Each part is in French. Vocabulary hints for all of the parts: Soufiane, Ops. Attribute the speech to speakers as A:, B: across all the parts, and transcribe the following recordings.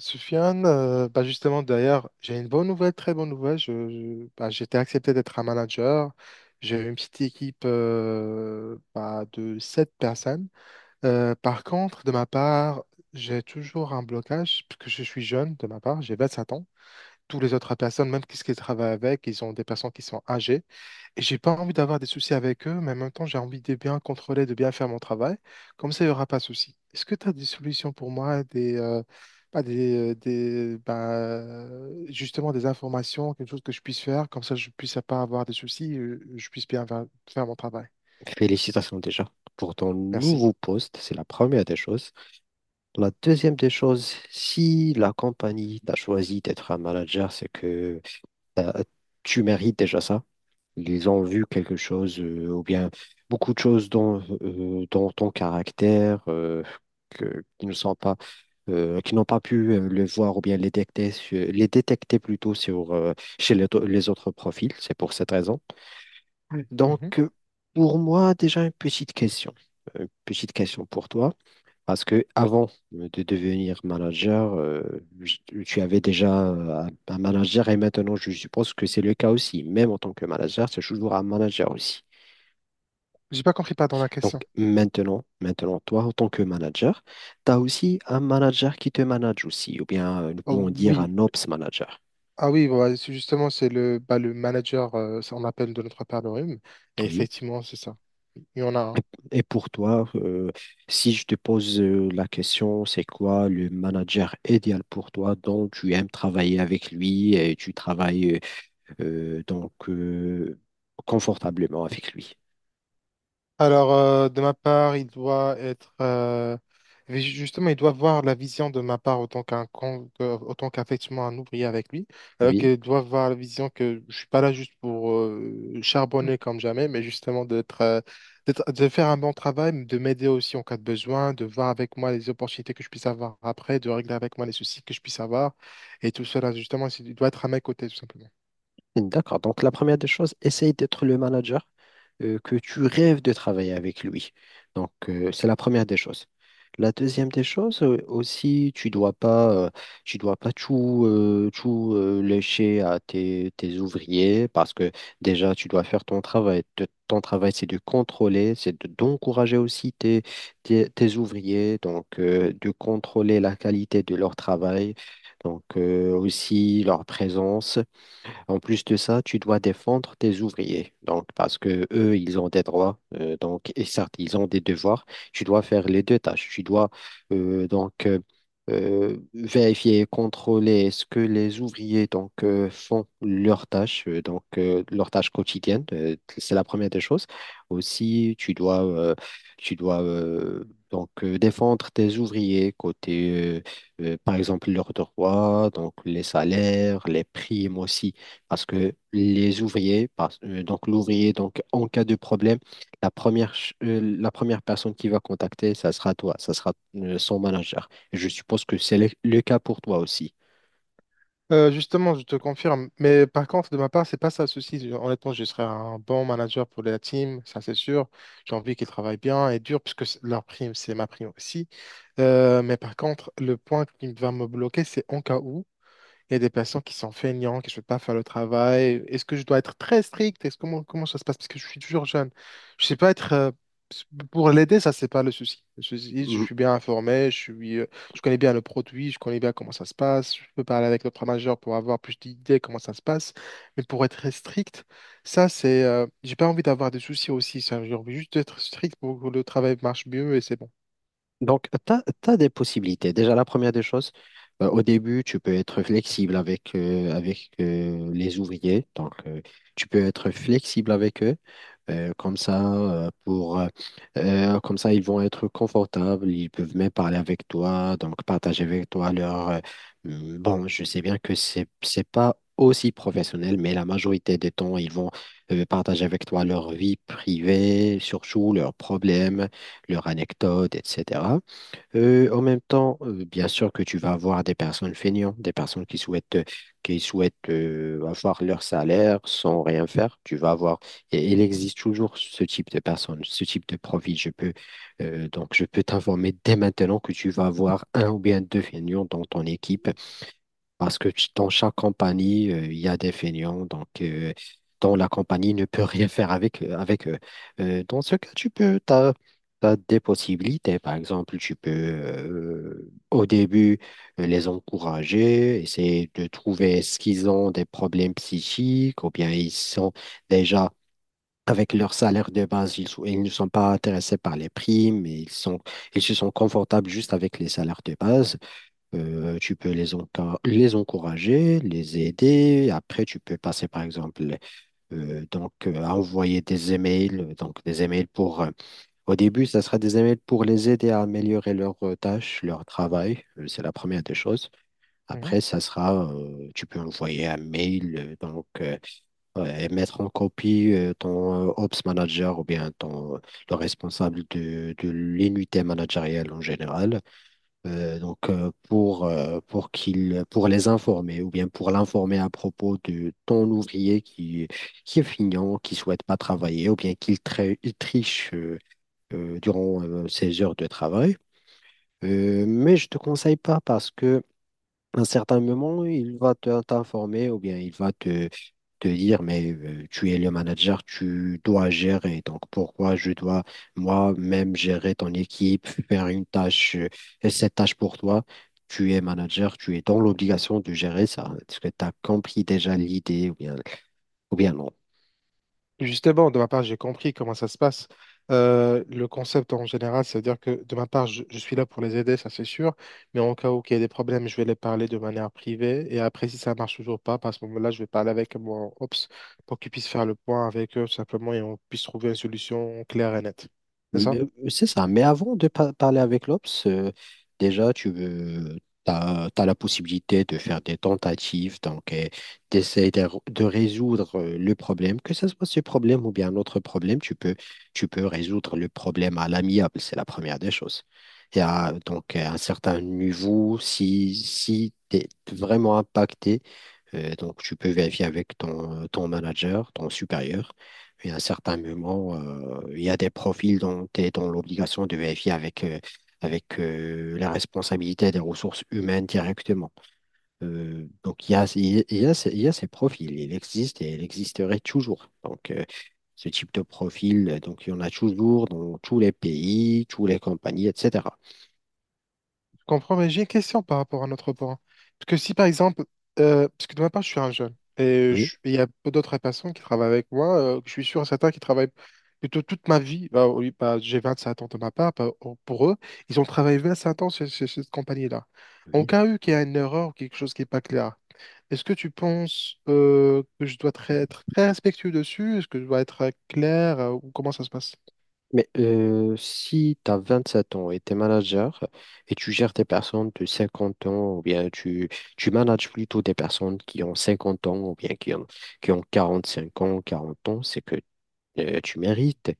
A: Soufiane, bah justement, d'ailleurs, j'ai une bonne nouvelle, très bonne nouvelle. J'ai été accepté d'être un manager. J'ai une petite équipe de sept personnes. Par contre, de ma part, j'ai toujours un blocage, parce que je suis jeune, de ma part, j'ai 27 ans. Tous les autres personnes, même qu'est-ce qu'ils travaillent avec, ils ont des personnes qui sont âgées. Et j'ai pas envie d'avoir des soucis avec eux, mais en même temps, j'ai envie de bien contrôler, de bien faire mon travail. Comme ça, il n'y aura pas de soucis. Est-ce que tu as des solutions pour moi, des, pas des, des bah, justement des informations, quelque chose que je puisse faire, comme ça, je puisse pas avoir des soucis, je puisse bien faire mon travail.
B: Félicitations déjà pour ton
A: Merci.
B: nouveau poste, c'est la première des choses. La deuxième des choses, si la compagnie t'a choisi d'être un manager, c'est que t'as- tu mérites déjà ça. Ils ont vu quelque chose ou bien beaucoup de choses dans ton caractère que, qui ne sont pas qui n'ont pas pu le voir ou bien les détecter, les détecter plutôt chez les autres profils. C'est pour cette raison. Donc,
A: Mhm.
B: pour moi, déjà une petite question. Une petite question pour toi. Parce que avant de devenir manager, tu avais déjà un manager et maintenant, je suppose que c'est le cas aussi. Même en tant que manager, c'est toujours un manager aussi.
A: J'ai pas compris, pas dans la
B: Donc,
A: question.
B: maintenant, toi, en tant que manager, tu as aussi un manager qui te manage aussi, ou bien nous
A: Oh,
B: pouvons dire
A: oui.
B: un ops manager.
A: Ah oui, bah, c'est justement, c'est le, bah, le manager, ça, on appelle de notre part le rhume. Et
B: Oui.
A: effectivement, c'est ça. Il y en a un.
B: Et pour toi, si je te pose la question, c'est quoi le manager idéal pour toi dont tu aimes travailler avec lui et tu travailles euh, donc euh, confortablement avec lui?
A: Alors, de ma part, il doit être justement, il doit voir la vision de ma part autant qu'effectivement un ouvrier avec lui.
B: Oui.
A: Qu'il doit voir la vision que je suis pas là juste pour charbonner comme jamais, mais justement de faire un bon travail, mais de m'aider aussi en cas de besoin, de voir avec moi les opportunités que je puisse avoir après, de régler avec moi les soucis que je puisse avoir, et tout cela justement, il doit être à mes côtés tout simplement.
B: D'accord. Donc, la première des choses, essaye d'être le manager que tu rêves de travailler avec lui. Donc, c'est la première des choses. La deuxième des choses aussi, tu dois pas tout lécher à tes ouvriers parce que déjà, tu dois faire ton travail. Ton travail, c'est de contrôler, d'encourager aussi tes ouvriers, donc de contrôler la qualité de leur travail, donc aussi leur présence. En plus de ça, tu dois défendre tes ouvriers. Donc, parce que eux, ils ont des droits, donc, et certes, ils ont des devoirs. Tu dois faire les deux tâches. Tu dois euh, donc euh, vérifier et contrôler est-ce que les ouvriers donc font leurs tâches, leurs tâches quotidiennes. C'est la première des choses. Aussi, tu dois défendre tes ouvriers côté euh, par exemple leurs droits, donc les salaires, les primes aussi parce que donc l'ouvrier, donc en cas de problème, la première personne qui va contacter, ça sera toi, ça sera son manager. Et je suppose que c'est le cas pour toi aussi.
A: Justement, je te confirme. Mais par contre, de ma part, c'est pas ça le souci. Honnêtement, je serai un bon manager pour la team, ça c'est sûr. J'ai envie qu'ils travaillent bien et dur, puisque leur prime, c'est ma prime aussi. Mais par contre, le point qui va me bloquer, c'est en cas où. Il y a des patients qui sont feignants, qui ne veulent pas faire le travail. Est-ce que je dois être très strict? Comment ça se passe? Parce que je suis toujours jeune. Je sais pas être... Pour l'aider, ça, c'est pas le souci. Le souci, je suis bien informé, je connais bien le produit, je connais bien comment ça se passe. Je peux parler avec le majeur pour avoir plus d'idées comment ça se passe. Mais pour être très strict, ça, j'ai pas envie d'avoir des soucis aussi. Ça. J'ai envie juste d'être strict pour que le travail marche mieux et c'est bon.
B: Donc, tu as des possibilités. Déjà, la première des choses, au début, tu peux être flexible avec, avec les ouvriers. Donc, tu peux être flexible avec eux. Euh, comme ça, euh, pour, euh, Comme ça, ils vont être confortables. Ils peuvent même parler avec toi, donc partager avec toi leur. Bon, je sais bien que c'est pas aussi professionnel, mais la majorité des temps, ils vont partager avec toi leur vie privée, surtout leurs problèmes, leurs anecdotes, etc. En même temps, bien sûr que tu vas avoir des personnes feignantes, des personnes qui souhaitent avoir leur salaire sans rien faire. Tu vas avoir, et il existe toujours ce type de personnes, ce type de profil. Je peux t'informer dès maintenant que tu vas avoir un ou bien deux feignants dans ton équipe parce que dans chaque compagnie, il y a des feignants, dont la compagnie ne peut rien faire avec, avec eux. Dans ce cas, t'as des possibilités. Par exemple, tu peux au début les encourager, essayer de trouver ce qu'ils ont des problèmes psychiques ou bien ils sont déjà avec leur salaire de base, ils ne sont pas intéressés par les primes, et ils se sont confortables juste avec les salaires de base. Tu peux les encourager, les aider. Après, tu peux passer, par exemple, à envoyer des emails. Donc, des emails pour. Au début, ça sera des emails pour les aider à améliorer leurs tâches, leur travail. C'est la première des choses. Après, ça sera. Tu peux envoyer un mail, ouais, et mettre en copie ton Ops Manager ou bien le responsable de l'unité managériale en général pour qu'il pour les informer ou bien pour l'informer à propos de ton ouvrier qui est feignant, qui souhaite pas travailler ou bien il triche durant ses heures de travail. Mais je te conseille pas parce que un certain moment, il va t'informer ou bien il va te dire, mais tu es le manager, tu dois gérer. Donc, pourquoi je dois moi-même gérer ton équipe, faire une tâche, et cette tâche pour toi? Tu es manager, tu es dans l'obligation de gérer ça. Est-ce que tu as compris déjà l'idée ou bien, non?
A: Justement, de ma part, j'ai compris comment ça se passe. Le concept en général, c'est-à-dire que de ma part, je suis là pour les aider, ça c'est sûr, mais en cas où il y a des problèmes, je vais les parler de manière privée, et après, si ça marche toujours pas, bah, à ce moment-là, je vais parler avec mon Ops pour qu'ils puissent faire le point avec eux, tout simplement, et on puisse trouver une solution claire et nette. C'est ça?
B: Mais, c'est ça. Mais avant de parler avec l'Obs, déjà, t'as la possibilité de faire des tentatives, d'essayer de résoudre le problème, que ce soit ce problème ou bien un autre problème, tu peux résoudre le problème à l'amiable, c'est la première des choses. Et à un certain niveau, si tu es vraiment impacté, donc, tu peux vérifier avec ton manager, ton supérieur. Et à un certain moment, il y a des profils dont tu es dans l'obligation de vérifier avec, la responsabilité des ressources humaines directement. Donc, il y a ces profils. Il existe et il existerait toujours. Donc, ce type de profil, il y en a toujours dans tous les pays, toutes les compagnies, etc.
A: Je comprends, mais j'ai une question par rapport à notre point. Parce que si par exemple, parce que de ma part, je suis un jeune et
B: Oui,
A: il y a peu d'autres personnes qui travaillent avec moi, je suis sûr et certain qui travaillent plutôt toute ma vie. Bah, oui, bah, j'ai 27 ans de ma part, bah, oh, pour eux, ils ont travaillé 25 ans chez cette compagnie-là. En
B: oui.
A: cas où qu'il y a une erreur ou quelque chose qui n'est pas clair, est-ce que tu penses que je dois être très respectueux dessus? Est-ce que je dois être clair ou comment ça se passe?
B: Mais si tu as 7 ans et tu es manager et tu gères des personnes de 50 ans, ou bien tu manages plutôt des personnes qui ont 50 ans, ou bien qui ont 45 ans, 40 ans, c'est que tu mérites.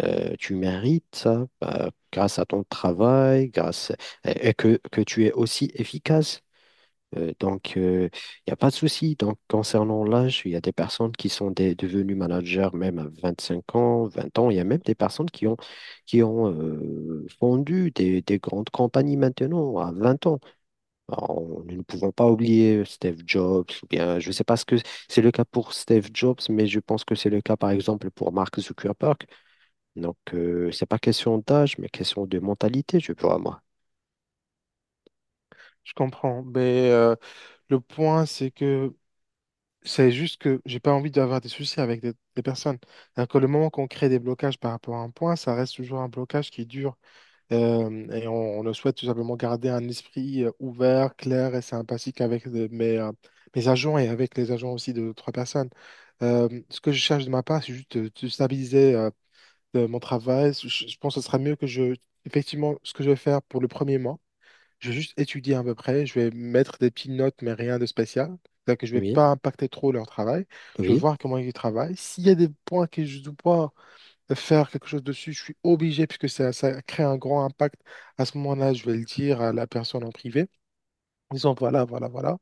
B: Tu mérites ça grâce à ton travail, grâce, et que tu es aussi efficace. Donc, il n'y a pas de souci. Donc, concernant l'âge, il y a des personnes qui sont devenues managers même à 25 ans, 20 ans. Il y a même des personnes qui ont fondu des grandes compagnies maintenant à 20 ans. Alors, nous ne pouvons pas oublier Steve Jobs, ou bien, je ne sais pas ce que c'est le cas pour Steve Jobs, mais je pense que c'est le cas, par exemple, pour Mark Zuckerberg. Donc, c'est pas question d'âge, mais question de mentalité, je crois.
A: Je comprends, le point, c'est que c'est juste que j'ai pas envie d'avoir des soucis avec des personnes. Alors que le moment qu'on crée des blocages par rapport à un point, ça reste toujours un blocage qui dure. Et on le souhaite tout simplement garder un esprit ouvert, clair et sympathique avec mes agents et avec les agents aussi de d'autres personnes. Ce que je cherche de ma part, c'est juste de stabiliser de mon travail. Je pense que ce sera mieux que effectivement, ce que je vais faire pour le premier mois. Je vais juste étudier à peu près, je vais mettre des petites notes, mais rien de spécial. C'est-à-dire que je ne vais
B: Oui,
A: pas impacter trop leur travail. Je vais
B: oui,
A: voir comment ils travaillent. S'il y a des points que je dois pas faire quelque chose dessus, je suis obligé, puisque ça, ça crée un grand impact. À ce moment-là, je vais le dire à la personne en privé. Disons, voilà, voilà, voilà.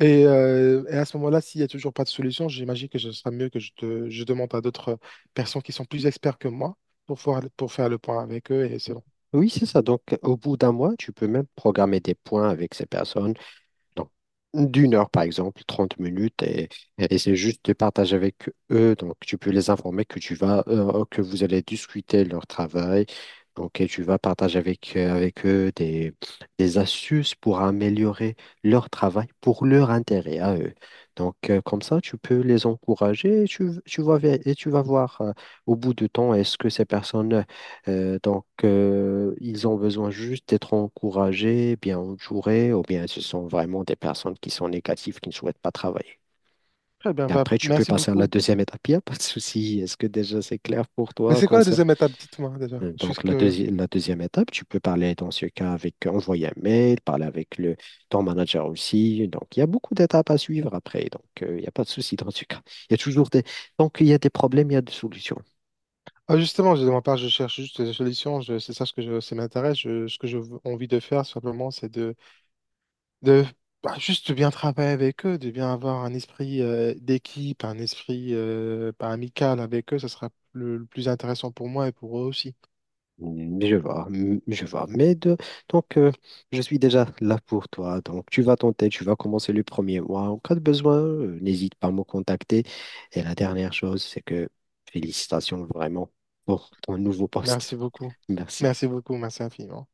A: Et à ce moment-là, s'il n'y a toujours pas de solution, j'imagine que ce sera mieux que je demande à d'autres personnes qui sont plus experts que moi pour, pour faire le point avec eux. Et c'est bon.
B: oui, c'est ça. Donc, au bout d'un mois, tu peux même programmer des points avec ces personnes. Donc, d'une heure, par exemple, 30 minutes, et c'est juste de partager avec eux. Donc, tu peux les informer que vous allez discuter leur travail. Donc, et tu vas partager avec, avec eux des astuces pour améliorer leur travail pour leur intérêt à eux. Donc, comme ça, tu peux les encourager et et tu vas voir au bout du temps, est-ce que ces personnes ils ont besoin juste d'être encouragés, bien entourés, ou bien ce sont vraiment des personnes qui sont négatives, qui ne souhaitent pas travailler.
A: Très bien,
B: Et
A: bah,
B: après, tu peux
A: merci
B: passer à la
A: beaucoup.
B: deuxième étape, il n'y a pas de souci. Est-ce que déjà c'est clair pour
A: Mais
B: toi
A: c'est quoi la
B: concernant...
A: deuxième étape? Dites-moi déjà. Je suis
B: Donc, la,
A: curieux.
B: deuxi- la deuxième étape, tu peux parler dans ce cas avec, envoyer un mail, parler avec ton manager aussi. Donc, il y a beaucoup d'étapes à suivre après. Donc, il n'y a pas de souci dans ce cas. Il y a toujours des... Tant qu'il y a des problèmes, il y a des solutions.
A: Ah, justement, de ma part, je cherche juste des solutions. C'est ça ce que je, ça m'intéresse. Ce que j'ai envie de faire, simplement, de bah, juste de bien travailler avec eux, de bien avoir un esprit d'équipe, un esprit bah, amical avec eux. Ce sera le plus intéressant pour moi et pour eux aussi.
B: Je vois, je vois. Mais donc, je suis déjà là pour toi. Donc, tu vas tenter, tu vas commencer le premier mois. En cas de besoin, n'hésite pas à me contacter. Et la dernière chose, c'est que félicitations vraiment pour ton nouveau poste.
A: Merci beaucoup.
B: Merci.
A: Merci beaucoup. Merci infiniment.